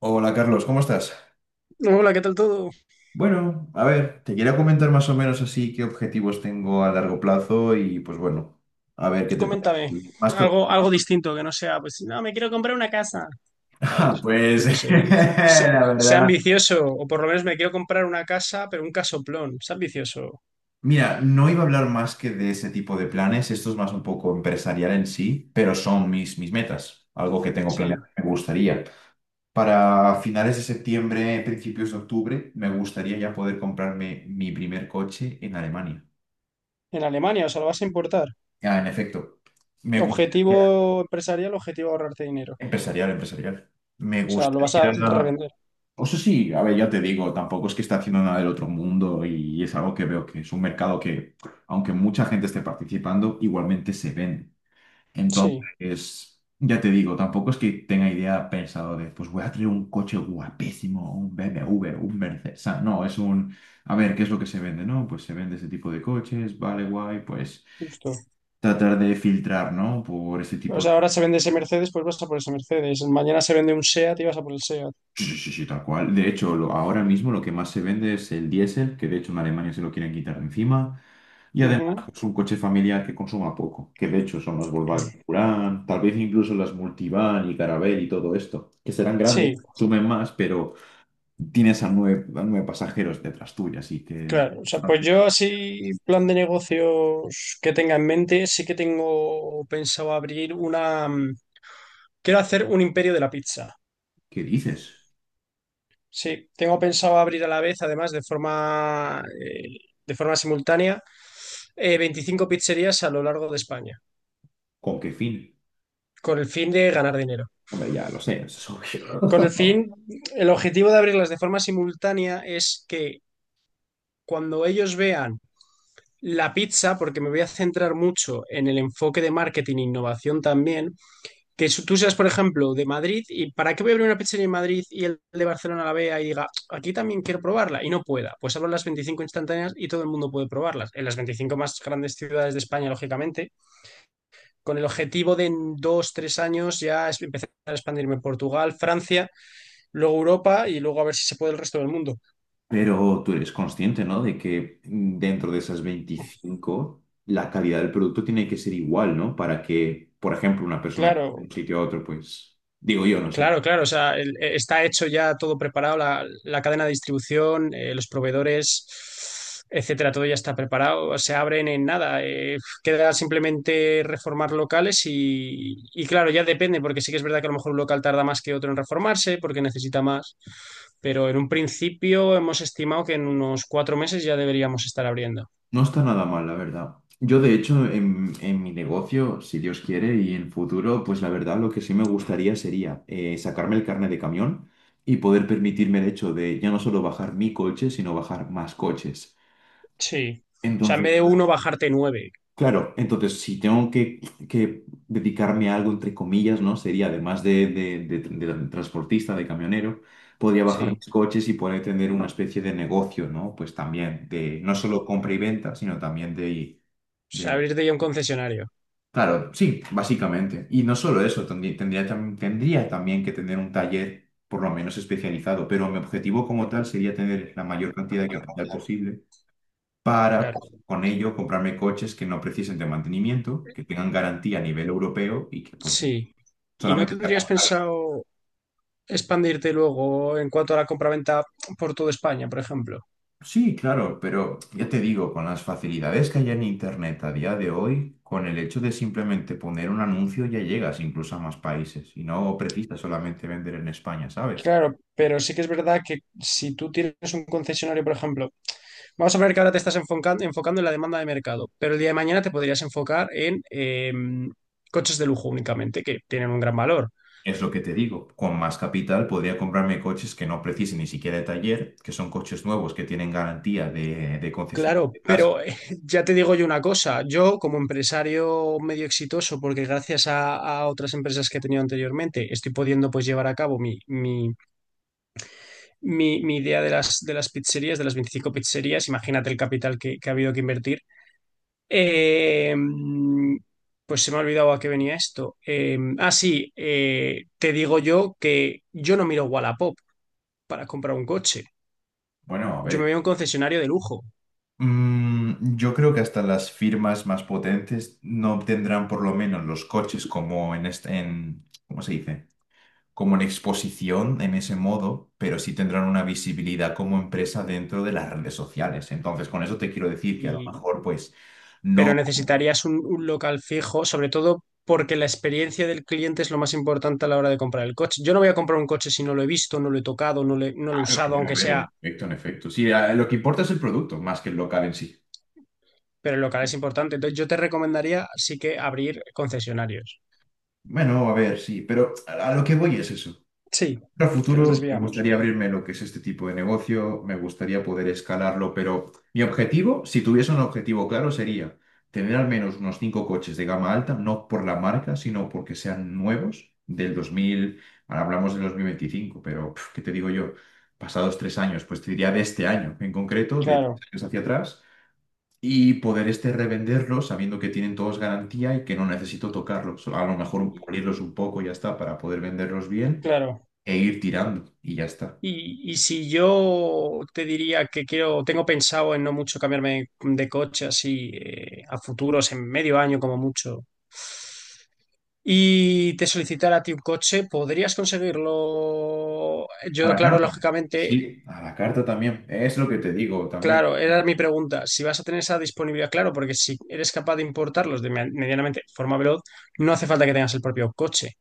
Hola Carlos, ¿cómo estás? Hola, ¿qué tal todo? Bueno, a ver, te quería comentar más o menos así qué objetivos tengo a largo plazo y pues bueno, a ver qué te parece. Coméntame Más que. algo, algo distinto que no sea, pues, no, me quiero comprar una casa, Ah, ¿sabes? Yo pues qué sé, sé, la sé verdad. ambicioso, o por lo menos me quiero comprar una casa, pero un casoplón, sé ambicioso. Mira, no iba a hablar más que de ese tipo de planes, esto es más un poco empresarial en sí, pero son mis metas, algo que tengo planeado Sí, y me gustaría. Para finales de septiembre, principios de octubre, me gustaría ya poder comprarme mi primer coche en Alemania. en Alemania, o sea, lo vas a importar. Ah, en efecto, me gustaría. Objetivo empresarial, objetivo ahorrarte dinero. Empresarial, empresarial. Me O sea, lo vas a gustaría. revender. O sea, sí, a ver, ya te digo, tampoco es que esté haciendo nada del otro mundo y es algo que veo que es un mercado que, aunque mucha gente esté participando, igualmente se vende. Sí, Entonces, ya te digo, tampoco es que tenga idea pensado de, pues voy a traer un coche guapísimo, un BMW, un Mercedes. O sea, no, es un, a ver, ¿qué es lo que se vende? No, pues se vende ese tipo de coches, vale, guay, pues justo. tratar de filtrar, ¿no? Por ese O tipo. sea, ahora se vende ese Mercedes, pues vas a por ese Mercedes. Mañana se vende un SEAT y vas a por el SEAT. Sí, sí, sí, sí, tal cual. De hecho, ahora mismo lo que más se vende es el diésel, que de hecho en Alemania se lo quieren quitar de encima. Y además Ujú. es un coche familiar que consuma poco, que de hecho son las Volkswagen Touran, tal vez incluso las Multivan y Caravelle y todo esto, que serán grandes, Sí, consumen más, pero tienes a nueve pasajeros detrás tuya, así que es claro, o sea, pues bastante- yo así, plan de negocios que tenga en mente, sí que tengo pensado abrir una... Quiero hacer un imperio de la pizza. ¿Qué dices? Sí, tengo pensado abrir a la vez, además, de forma simultánea, 25 pizzerías a lo largo de España, ¿Con qué fin? con el fin de ganar dinero. Hombre, ya lo sé, eso es Con el obvio. fin, el objetivo de abrirlas de forma simultánea es que cuando ellos vean la pizza, porque me voy a centrar mucho en el enfoque de marketing e innovación también, que tú seas, por ejemplo, de Madrid. Y ¿para qué voy a abrir una pizzería en Madrid y el de Barcelona la vea y diga, aquí también quiero probarla y no pueda? Pues abro las 25 instantáneas y todo el mundo puede probarlas. En las 25 más grandes ciudades de España, lógicamente, con el objetivo de en dos, tres años ya empezar a expandirme en Portugal, Francia, luego Europa y luego a ver si se puede el resto del mundo. Pero tú eres consciente, ¿no? De que dentro de esas 25 la calidad del producto tiene que ser igual, ¿no? Para que, por ejemplo, una persona que de un Claro, sitio a otro, pues, digo yo, no sé. claro, claro, o sea, está hecho ya todo preparado, la cadena de distribución, los proveedores, etcétera, todo ya está preparado, se abren en nada, queda simplemente reformar locales y claro, ya depende, porque sí que es verdad que a lo mejor un local tarda más que otro en reformarse, porque necesita más, pero en un principio hemos estimado que en unos 4 meses ya deberíamos estar abriendo. No está nada mal, la verdad. Yo, de hecho, en mi negocio, si Dios quiere, y en futuro, pues la verdad, lo que sí me gustaría sería sacarme el carnet de camión y poder permitirme el hecho de ya no solo bajar mi coche, sino bajar más coches. Sí, o sea, en Entonces, vez de uno, bajarte nueve, claro, entonces si tengo que dedicarme a algo, entre comillas, ¿no? Sería, además de transportista, de camionero, podría bajar sí, mis coches y poder tener una especie de negocio, ¿no? Pues también de no solo compra y venta, sino también de, o sea, de... abrirte ya un concesionario, Claro, sí, básicamente. Y no solo eso, tendría también que tener un taller por lo menos especializado, pero mi objetivo como tal sería tener la mayor cantidad de capital posible para claro. pues, con ello comprarme coches que no precisen de mantenimiento, que tengan garantía a nivel europeo y que pues Sí. ¿Y no solamente sea tendrías comprable. pensado expandirte luego en cuanto a la compraventa por toda España, por ejemplo? Sí, claro, pero ya te digo, con las facilidades que hay en Internet a día de hoy, con el hecho de simplemente poner un anuncio ya llegas incluso a más países y no precisas solamente vender en España, ¿sabes? Claro, pero sí que es verdad que si tú tienes un concesionario, por ejemplo, vamos a ver que ahora te estás enfocando en la demanda de mercado, pero el día de mañana te podrías enfocar en coches de lujo únicamente, que tienen un gran valor. Es lo que te digo, con más capital podría comprarme coches que no precisen ni siquiera de taller, que son coches nuevos que tienen garantía de concesión Claro, de casa. pero ya te digo yo una cosa, yo como empresario medio exitoso, porque gracias a otras empresas que he tenido anteriormente, estoy pudiendo pues llevar a cabo mi idea de las pizzerías, de las 25 pizzerías. Imagínate el capital que ha habido que invertir. Eh, pues se me ha olvidado a qué venía esto. Sí, te digo yo que yo no miro Wallapop para comprar un coche. Bueno, a Yo me ver. veo un concesionario de lujo, Yo creo que hasta las firmas más potentes no obtendrán por lo menos los coches como en este, en, ¿cómo se dice? Como en exposición en ese modo, pero sí tendrán una visibilidad como empresa dentro de las redes sociales. Entonces, con eso te quiero decir que a lo y, mejor, pues, no. pero necesitarías un local fijo, sobre todo porque la experiencia del cliente es lo más importante a la hora de comprar el coche. Yo no voy a comprar un coche si no lo he visto, no lo he tocado, no, no lo he Claro, que va usado, a aunque promover. Haber sea, el efecto en efecto. Sí, a- lo que importa es el producto más que el local en sí. pero el local es importante. Entonces yo te recomendaría sí que abrir concesionarios. Bueno, a ver, sí, pero a lo que voy es eso. Sí, A que nos futuro me desviamos. gustaría abrirme lo que es este tipo de negocio, me gustaría poder escalarlo, pero mi objetivo, si tuviese un objetivo claro, sería tener al menos unos cinco coches de gama alta, no por la marca, sino porque sean nuevos del 2000, ahora hablamos del 2025, pero pf, ¿qué te digo yo? Pasados 3 años, pues te diría de este año en concreto, de tres Claro, años hacia atrás, y poder este revenderlos sabiendo que tienen todos garantía y que no necesito tocarlos, a lo mejor pulirlos un poco y ya está para poder venderlos bien claro. e ir tirando y ya está. Y si yo te diría que quiero, tengo pensado en no mucho cambiarme de coche así a futuros, en medio año como mucho, y te solicitara a ti un coche, ¿podrías conseguirlo? A Yo, la claro, carta. lógicamente. Sí, a la carta también. Es lo que te digo también, Claro, era mi pregunta. Si vas a tener esa disponibilidad, claro, porque si eres capaz de importarlos de medianamente de forma veloz, no hace falta que tengas el propio coche.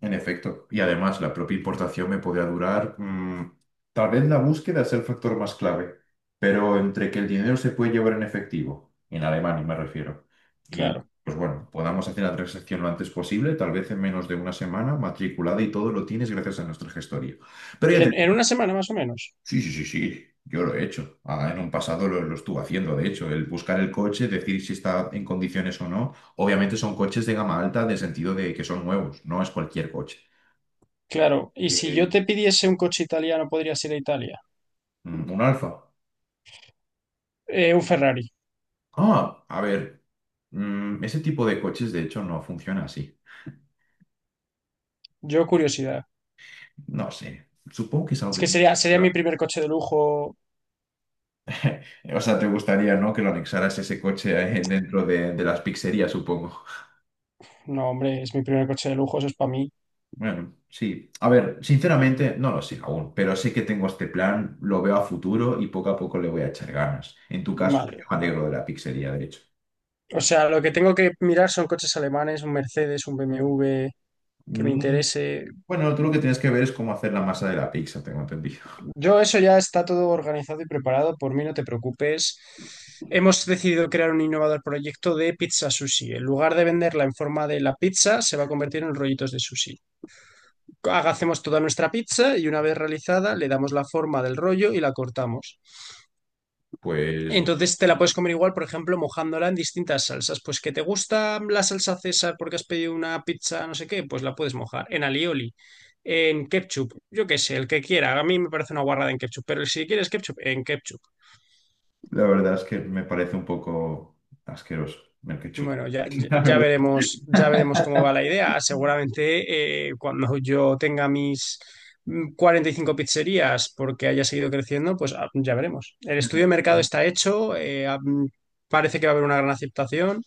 en efecto. Y además, la propia importación me podría durar. Tal vez la búsqueda es el factor más clave, pero entre que el dinero se puede llevar en efectivo, en Alemania me refiero, y Claro. pues bueno, podamos hacer la transacción lo antes posible, tal vez en menos de una semana, matriculada y todo lo tienes gracias a nuestra gestoría. Pero ya te. En una semana más o menos. Sí, sí, sí, sí, yo lo he hecho. Ah, en un pasado lo estuve haciendo, de hecho, el buscar el coche, decir si está en condiciones o no. Obviamente son coches de gama alta, de sentido de que son nuevos, no es cualquier coche. Claro. Y si yo Eh, te pidiese un coche italiano, podrías ir a Italia. Un Alfa. Un Ferrari. Ah, a ver, ese tipo de coches de hecho no funciona así. Yo curiosidad. No sé, supongo que es algo Es que que te- sería mi primer coche de lujo. O sea, te gustaría, ¿no? Que lo anexaras ese coche dentro de las pizzerías, supongo. No, hombre, es mi primer coche de lujo, eso es para mí. Bueno, sí. A ver, sinceramente no lo sé aún, pero sé que tengo este plan, lo veo a futuro y poco a poco le voy a echar ganas. En tu caso, Vale. yo me alegro de la pizzería, de hecho. O sea, lo que tengo que mirar son coches alemanes, un Mercedes, un BMW, que me Mm, interese. Bueno, tú lo que tienes que ver es cómo hacer la masa de la pizza, tengo entendido. Yo, eso ya está todo organizado y preparado, por mí no te preocupes. Hemos decidido crear un innovador proyecto de pizza sushi. En lugar de venderla en forma de la pizza, se va a convertir en rollitos de sushi. Hacemos toda nuestra pizza y una vez realizada le damos la forma del rollo y la cortamos. Pues Entonces te la puedes comer igual, por ejemplo, mojándola en distintas salsas. Pues que te gusta la salsa César porque has pedido una pizza, no sé qué, pues la puedes mojar en alioli, en ketchup, yo qué sé, el que quiera. A mí me parece una guarrada en ketchup, pero si quieres ketchup, en ketchup. la verdad es que me parece un poco asqueroso el ketchup. Bueno, ya, ya, La ya verdad. veremos, ya veremos cómo va la idea. Seguramente cuando yo tenga mis 45 pizzerías, porque haya seguido creciendo, pues ya veremos. El estudio de mercado está hecho, parece que va a haber una gran aceptación.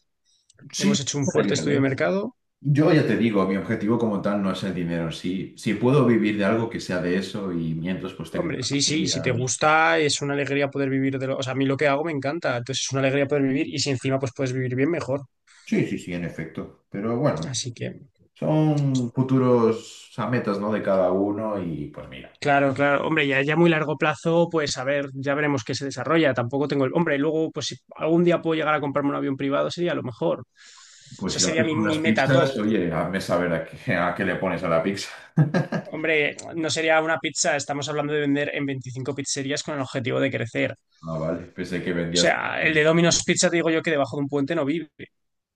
Sí, Hemos hecho un me fuerte alegra, estudio de ¿eh? mercado. Yo ya te digo, mi objetivo como tal no es el dinero en sí. Si puedo vivir de algo que sea de eso y mientras pues tengo Hombre, una sí, sí, si te familia. gusta, es una alegría poder vivir de lo... O sea, a mí lo que hago me encanta, entonces es una alegría poder vivir, y si encima pues puedes vivir bien, mejor. Sí, sí, sí, en efecto. Pero bueno, Así que... son futuros a metas, ¿no? De cada uno y pues mira, Claro, claro. Hombre, ya a muy largo plazo, pues a ver, ya veremos qué se desarrolla. Tampoco tengo el... Hombre, luego, pues si algún día puedo llegar a comprarme un avión privado, sería lo mejor. O pues si sea, lo sería haces mi, con mi unas meta top. pizzas, oye, hazme saber a qué le pones a la pizza. Hombre, no sería una pizza, estamos hablando de vender en 25 pizzerías con el objetivo de crecer. O Ah, vale, pensé que vendías. sea, el de Domino's Pizza te digo yo que debajo de un puente no vive.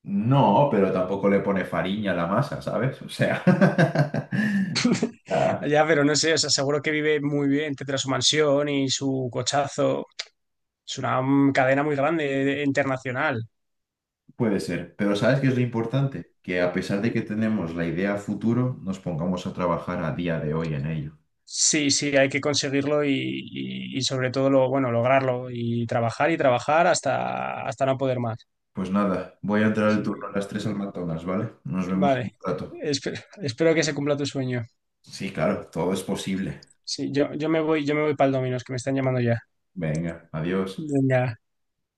No, pero tampoco le pone fariña a la masa, ¿sabes? O sea, ah, Ya, pero no sé, o sea, seguro que vive muy bien, tendrá su mansión y su cochazo. Es una cadena muy grande, internacional. puede ser. Pero ¿sabes qué es lo importante? Que a pesar de que tenemos la idea a futuro, nos pongamos a trabajar a día de hoy en ello. Sí, sí, hay que conseguirlo y sobre todo lo, bueno, lograrlo y trabajar hasta, hasta no poder más. Pues nada, voy a entrar al Así turno a que, las 3 al bueno, McDonald's, ¿vale? Nos vemos en un vale, rato. Espero que se cumpla tu sueño. Sí, claro, todo es posible. Sí, yo me voy para el Domino's, que me están llamando ya. Venga, adiós. Venga.